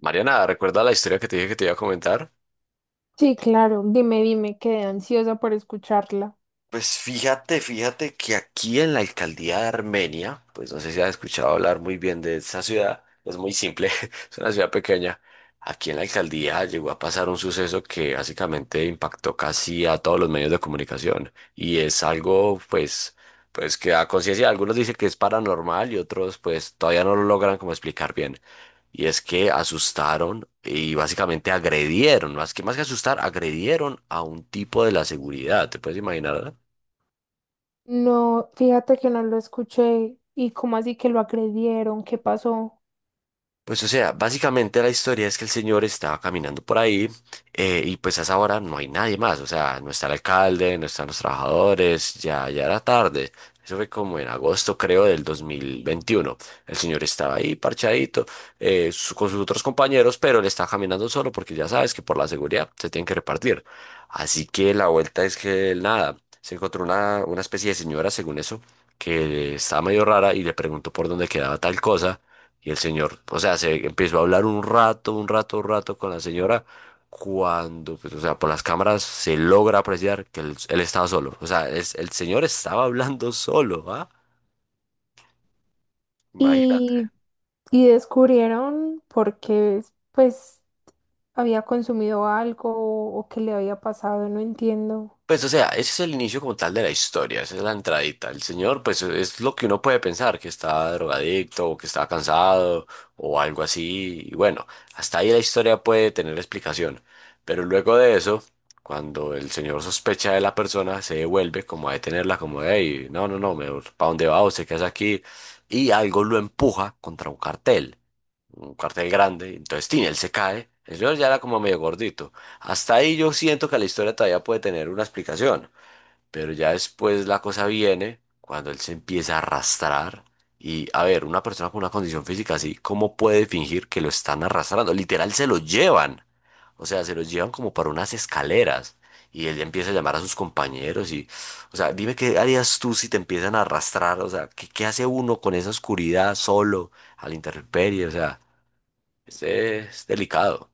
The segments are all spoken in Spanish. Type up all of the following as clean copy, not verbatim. Mariana, ¿recuerda la historia que te dije que te iba a comentar? Sí, claro, dime, quedé ansiosa por escucharla. Pues fíjate, fíjate que aquí en la alcaldía de Armenia, pues no sé si has escuchado hablar muy bien de esa ciudad, es muy simple, es una ciudad pequeña. Aquí en la alcaldía llegó a pasar un suceso que básicamente impactó casi a todos los medios de comunicación y es algo pues, pues que a conciencia algunos dicen que es paranormal y otros pues todavía no lo logran como explicar bien. Y es que asustaron y básicamente agredieron, más que asustar, agredieron a un tipo de la seguridad, ¿te puedes imaginar? No, fíjate que no lo escuché. ¿Y cómo así que lo agredieron? ¿Qué pasó? Pues o sea, básicamente la historia es que el señor estaba caminando por ahí y pues a esa hora no hay nadie más, o sea, no está el alcalde, no están los trabajadores, ya, ya era tarde. Eso fue como en agosto, creo, del 2021. El señor estaba ahí parchadito con sus otros compañeros, pero él estaba caminando solo porque ya sabes que por la seguridad se tienen que repartir. Así que la vuelta es que nada, se encontró una especie de señora, según eso, que estaba medio rara y le preguntó por dónde quedaba tal cosa. Y el señor, o sea, se empezó a hablar un rato, un rato, un rato con la señora. Cuando, pues, o sea, por las cámaras se logra apreciar que él estaba solo. O sea, el señor estaba hablando solo, ¿ah? Imagínate. Y, y descubrieron porque pues había consumido algo o qué le había pasado, no entiendo. Pues, o sea, ese es el inicio como tal de la historia, esa es la entradita. El señor, pues, es lo que uno puede pensar, que está drogadicto o que está cansado o algo así. Y bueno, hasta ahí la historia puede tener explicación. Pero luego de eso, cuando el señor sospecha de la persona, se devuelve como a detenerla, como, hey, no, no, no, ¿para dónde va? ¿Usted qué hace aquí? Y algo lo empuja contra un cartel grande. Entonces, tin, él se cae. El señor ya era como medio gordito. Hasta ahí yo siento que la historia todavía puede tener una explicación, pero ya después la cosa viene cuando él se empieza a arrastrar y a ver, una persona con una condición física así, ¿cómo puede fingir que lo están arrastrando? Literal se lo llevan, o sea, se lo llevan como para unas escaleras y él ya empieza a llamar a sus compañeros y, o sea, dime qué harías tú si te empiezan a arrastrar, o sea, ¿qué, qué hace uno con esa oscuridad solo, a la intemperie? O sea, es delicado.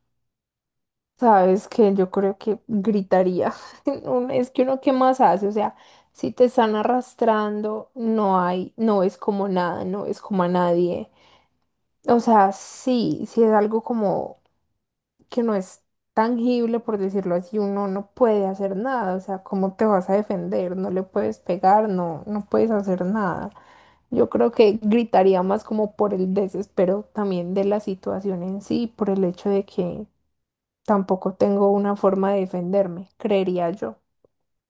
Sabes que yo creo que gritaría. Uno- Es que uno qué más hace, o sea, si te están arrastrando, no hay, no es como nada, no es como a nadie. O sea, sí es algo como que no es tangible, por decirlo así, uno no puede hacer nada, o sea, ¿cómo te vas a defender? No le puedes pegar, no puedes hacer nada. Yo creo que gritaría más como por el desespero también de la situación en sí, por el hecho de que tampoco tengo una forma de defenderme, creería yo.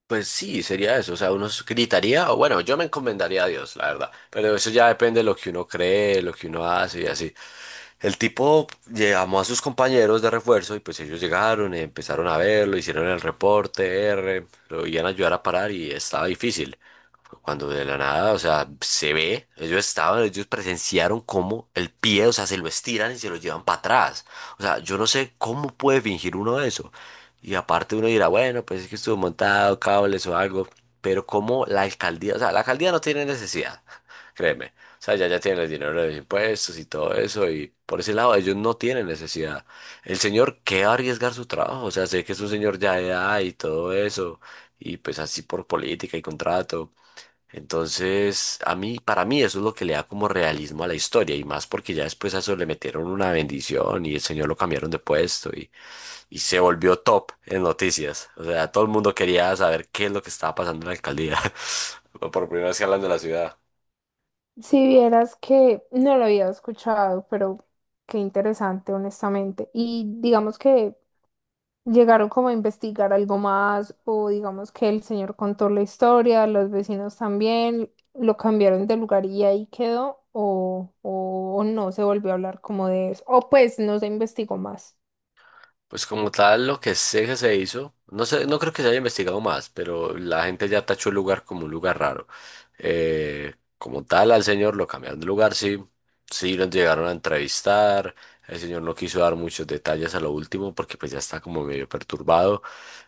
Pues sí, sería eso. O sea, uno gritaría, o bueno, yo me encomendaría a Dios, la verdad. Pero eso ya depende de lo que uno cree, lo que uno hace y así. El tipo llamó a sus compañeros de refuerzo y pues ellos llegaron, y empezaron a verlo, hicieron el reporte, R, lo iban a ayudar a parar y estaba difícil. Cuando de la nada, o sea, se ve, ellos estaban, ellos presenciaron cómo el pie, o sea, se lo estiran y se lo llevan para atrás. O sea, yo no sé cómo puede fingir uno eso. Y aparte uno dirá, bueno, pues es que estuvo montado, cables o algo. Pero como la alcaldía, o sea, la alcaldía no tiene necesidad, créeme. O sea, ya, ya tienen el dinero de los impuestos y todo eso. Y por ese lado, ellos no tienen necesidad. El señor, ¿qué va a arriesgar su trabajo? O sea, sé que es un señor ya de edad y todo eso. Y pues así por política y contrato. Entonces, a mí, para mí eso es lo que le da como realismo a la historia y más porque ya después a eso le metieron una bendición y el señor lo cambiaron de puesto y se volvió top en noticias. O sea, todo el mundo quería saber qué es lo que estaba pasando en la alcaldía. Por primera vez que hablan de la ciudad. Si vieras que no lo había escuchado, pero qué interesante, honestamente. Y digamos que llegaron como a investigar algo más, o digamos que el señor contó la historia, los vecinos también, lo cambiaron de lugar y ahí quedó, o no se volvió a hablar como de eso, o pues no se investigó más. Pues como tal, lo que sé que se hizo, no sé, no creo que se haya investigado más, pero la gente ya tachó el lugar como un lugar raro. Como tal, al señor lo cambiaron de lugar, sí, sí lo llegaron a entrevistar, el señor no quiso dar muchos detalles a lo último porque pues ya está como medio perturbado.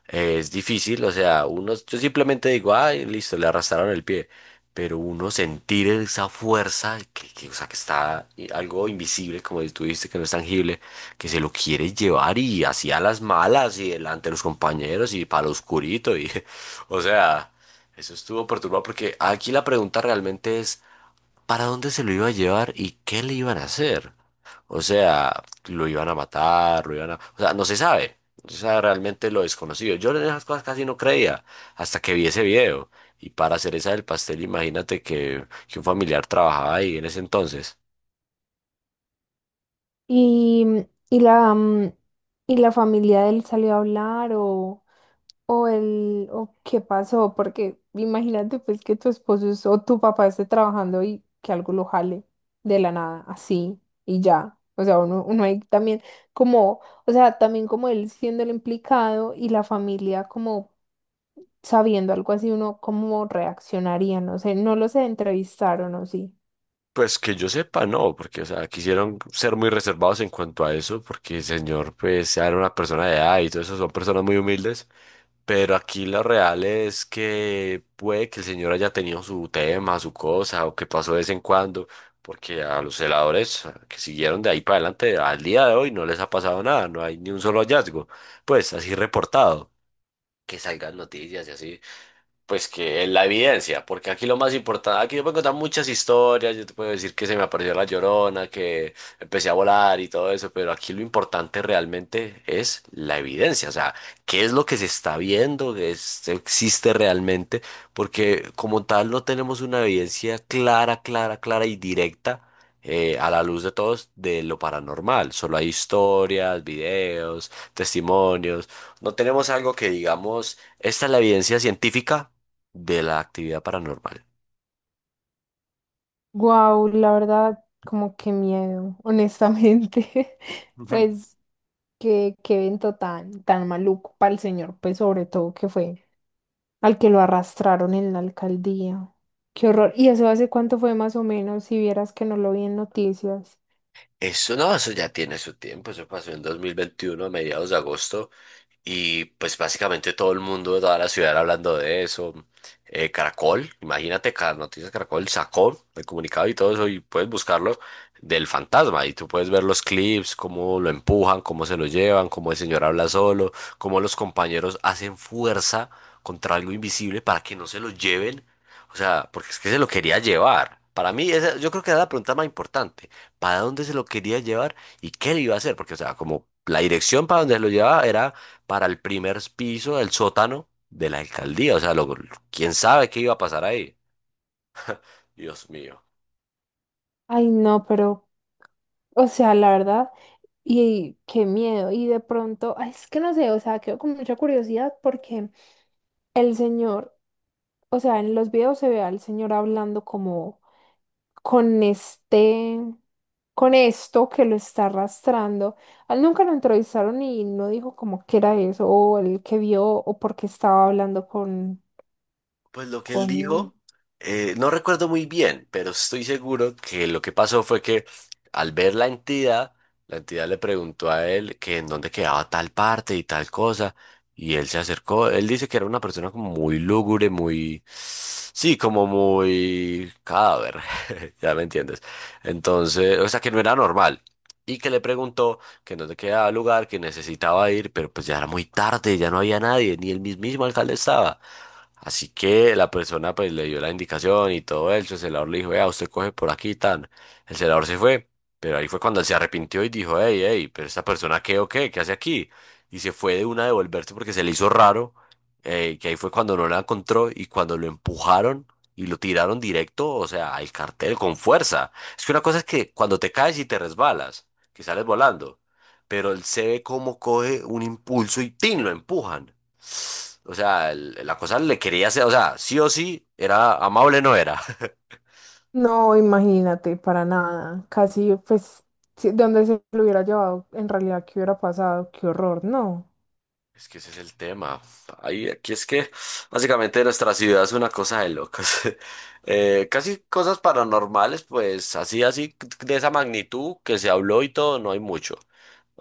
Es difícil, o sea, uno, yo simplemente digo, ay, listo, le arrastraron el pie, pero uno sentir esa fuerza, o sea, que está algo invisible, como tú dijiste, que no es tangible que se lo quiere llevar y hacía las malas y delante de los compañeros y para lo oscurito y o sea, eso estuvo perturbado porque aquí la pregunta realmente es ¿para dónde se lo iba a llevar y qué le iban a hacer? O sea, lo iban a matar, lo iban a, o sea, no se sabe. O sea, realmente lo desconocido. Yo en esas cosas casi no creía hasta que vi ese video. Y para hacer esa del pastel, imagínate que un familiar trabajaba ahí en ese entonces. Y, y la, mm, y la familia de él salió a hablar o... O el, o qué pasó, porque imagínate pues que tu esposo es- o tu papá esté trabajando y que algo lo jale de la nada, así y ya. O sea, uno ahí también como, o sea, también como él siendo el implicado y la familia como sabiendo algo así, uno cómo reaccionaría, no sé, no los entrevistaron o sí. Pues que yo sepa, no, porque, o sea, quisieron ser muy reservados en cuanto a eso, porque el señor, pues, era una persona de edad y todo eso, son personas muy humildes, pero aquí lo real es que puede que el señor haya tenido su tema, su cosa, o que pasó de vez en cuando, porque a los celadores que siguieron de ahí para adelante, al día de hoy no les ha pasado nada, no hay ni un solo hallazgo, pues, así reportado, que salgan noticias y así pues que es la evidencia, porque aquí lo más importante, aquí yo puedo contar muchas historias, yo te puedo decir que se me apareció la Llorona, que empecé a volar y todo eso, pero aquí lo importante realmente es la evidencia, o sea, qué es lo que se está viendo, existe realmente, porque como tal no tenemos una evidencia clara, clara, clara y directa. A la luz de todos de lo paranormal, solo hay historias, videos, testimonios, no tenemos algo que digamos, esta es la evidencia científica de la actividad paranormal. Wow, la verdad, como que miedo, honestamente. Ujú. Pues. Qué evento tan maluco para el señor, pues sobre todo que fue al que lo arrastraron en la alcaldía. Qué horror. ¿Y eso hace cuánto fue más o menos? Si vieras que no lo vi en noticias. Eso no, eso ya tiene su tiempo, eso pasó en 2021 a mediados de agosto. Y pues básicamente todo el mundo de toda la ciudad era hablando de eso. Caracol, imagínate, Ca- Noticias Caracol sacó el comunicado y todo eso y puedes buscarlo del fantasma y tú puedes ver los clips, cómo lo empujan, cómo se lo llevan, cómo el señor habla solo, cómo los compañeros hacen fuerza contra algo invisible para que no se lo lleven. O sea, porque es que se lo quería llevar. Para mí, esa, yo creo que era la pregunta más importante. ¿Para dónde se lo quería llevar y qué le iba a hacer? Porque, o sea, como la dirección para donde se lo llevaba era para el primer piso del sótano de la alcaldía. Quién sabe qué iba a pasar ahí. Dios mío. Ay, no, pero, o sea, la verdad, y qué miedo. Y de pronto, ay, es que no sé, o sea, quedo con mucha curiosidad porque el señor, o sea, en los videos se ve al señor hablando como con este, con esto que lo está arrastrando. A él nunca lo entrevistaron y no dijo como que era eso, o el que vio, o porque estaba hablando Pues lo que él dijo, con... no recuerdo muy bien, pero estoy seguro que lo que pasó fue que al ver la entidad le preguntó a él que en dónde quedaba tal parte y tal cosa, y él se acercó. Él dice que era una persona como muy lúgubre, muy, sí, como muy cadáver, ya me entiendes. Entonces, o sea, que no era normal. Y que le preguntó que en dónde quedaba el lugar, que necesitaba ir, pero pues ya era muy tarde, ya no había nadie, ni el mismísimo alcalde estaba. Así que la persona pues le dio la indicación y todo eso, el celador le dijo, vea, usted coge por aquí y tan. El celador se fue, pero ahí fue cuando él se arrepintió y dijo, hey, hey, pero esta persona qué o qué, qué hace aquí. Y se fue de una a devolverse porque se le hizo raro, que ahí fue cuando no la encontró y cuando lo empujaron y lo tiraron directo, o sea, al cartel con fuerza. Es que una cosa es que cuando te caes y te resbalas, que sales volando, pero él se ve cómo coge un impulso y ¡tin! Lo empujan. O sea, la cosa le quería hacer, o sea, sí o sí, era amable, no era. No, imagínate, para nada. Casi, pues, si- donde se lo hubiera llevado, en realidad, ¿qué hubiera pasado? Qué horror, no. Es que ese es el tema. Ahí, aquí es que básicamente nuestra ciudad es una cosa de locos. Casi cosas paranormales, pues así, así, de esa magnitud que se habló y todo, no hay mucho.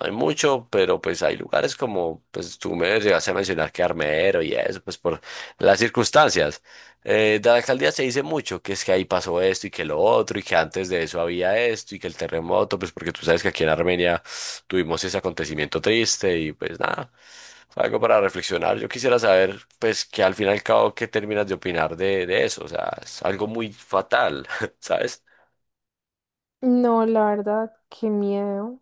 No hay mucho, pero pues hay lugares como, pues tú me llegaste a mencionar que Armero y eso, pues por las circunstancias. De la alcaldía se dice mucho que es que ahí pasó esto y que lo otro y que antes de eso había esto y que el terremoto, pues porque tú sabes que aquí en Armenia tuvimos ese acontecimiento triste y pues nada, fue algo para reflexionar. Yo quisiera saber, pues, que al fin y al cabo, ¿qué terminas de opinar de eso? O sea, es algo muy fatal, ¿sabes? No, la verdad, qué miedo.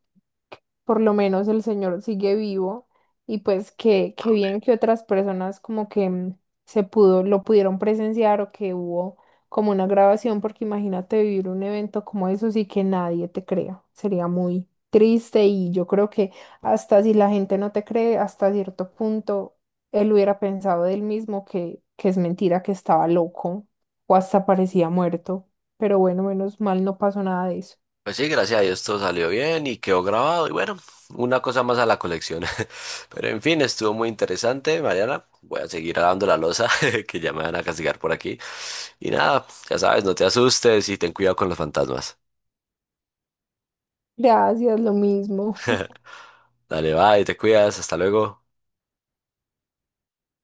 Por lo menos el señor sigue vivo y pues que bien que otras personas como que se pudo, lo pudieron presenciar, o que hubo como una grabación, porque imagínate vivir un evento como eso y que nadie te crea, sería muy triste, y yo creo que hasta si la gente no te cree, hasta cierto punto él hubiera pensado de él mismo que es mentira, que estaba loco o hasta parecía muerto, pero bueno, menos mal no pasó nada de eso. Pues sí, gracias a Dios todo salió bien y quedó grabado y bueno, una cosa más a la colección. Pero en fin, estuvo muy interesante, Mariana. Voy a seguir lavando la losa que ya me van a castigar por aquí. Y nada, ya sabes, no te asustes y ten cuidado con los fantasmas. Gracias, lo mismo. Dale, bye, te cuidas, hasta luego.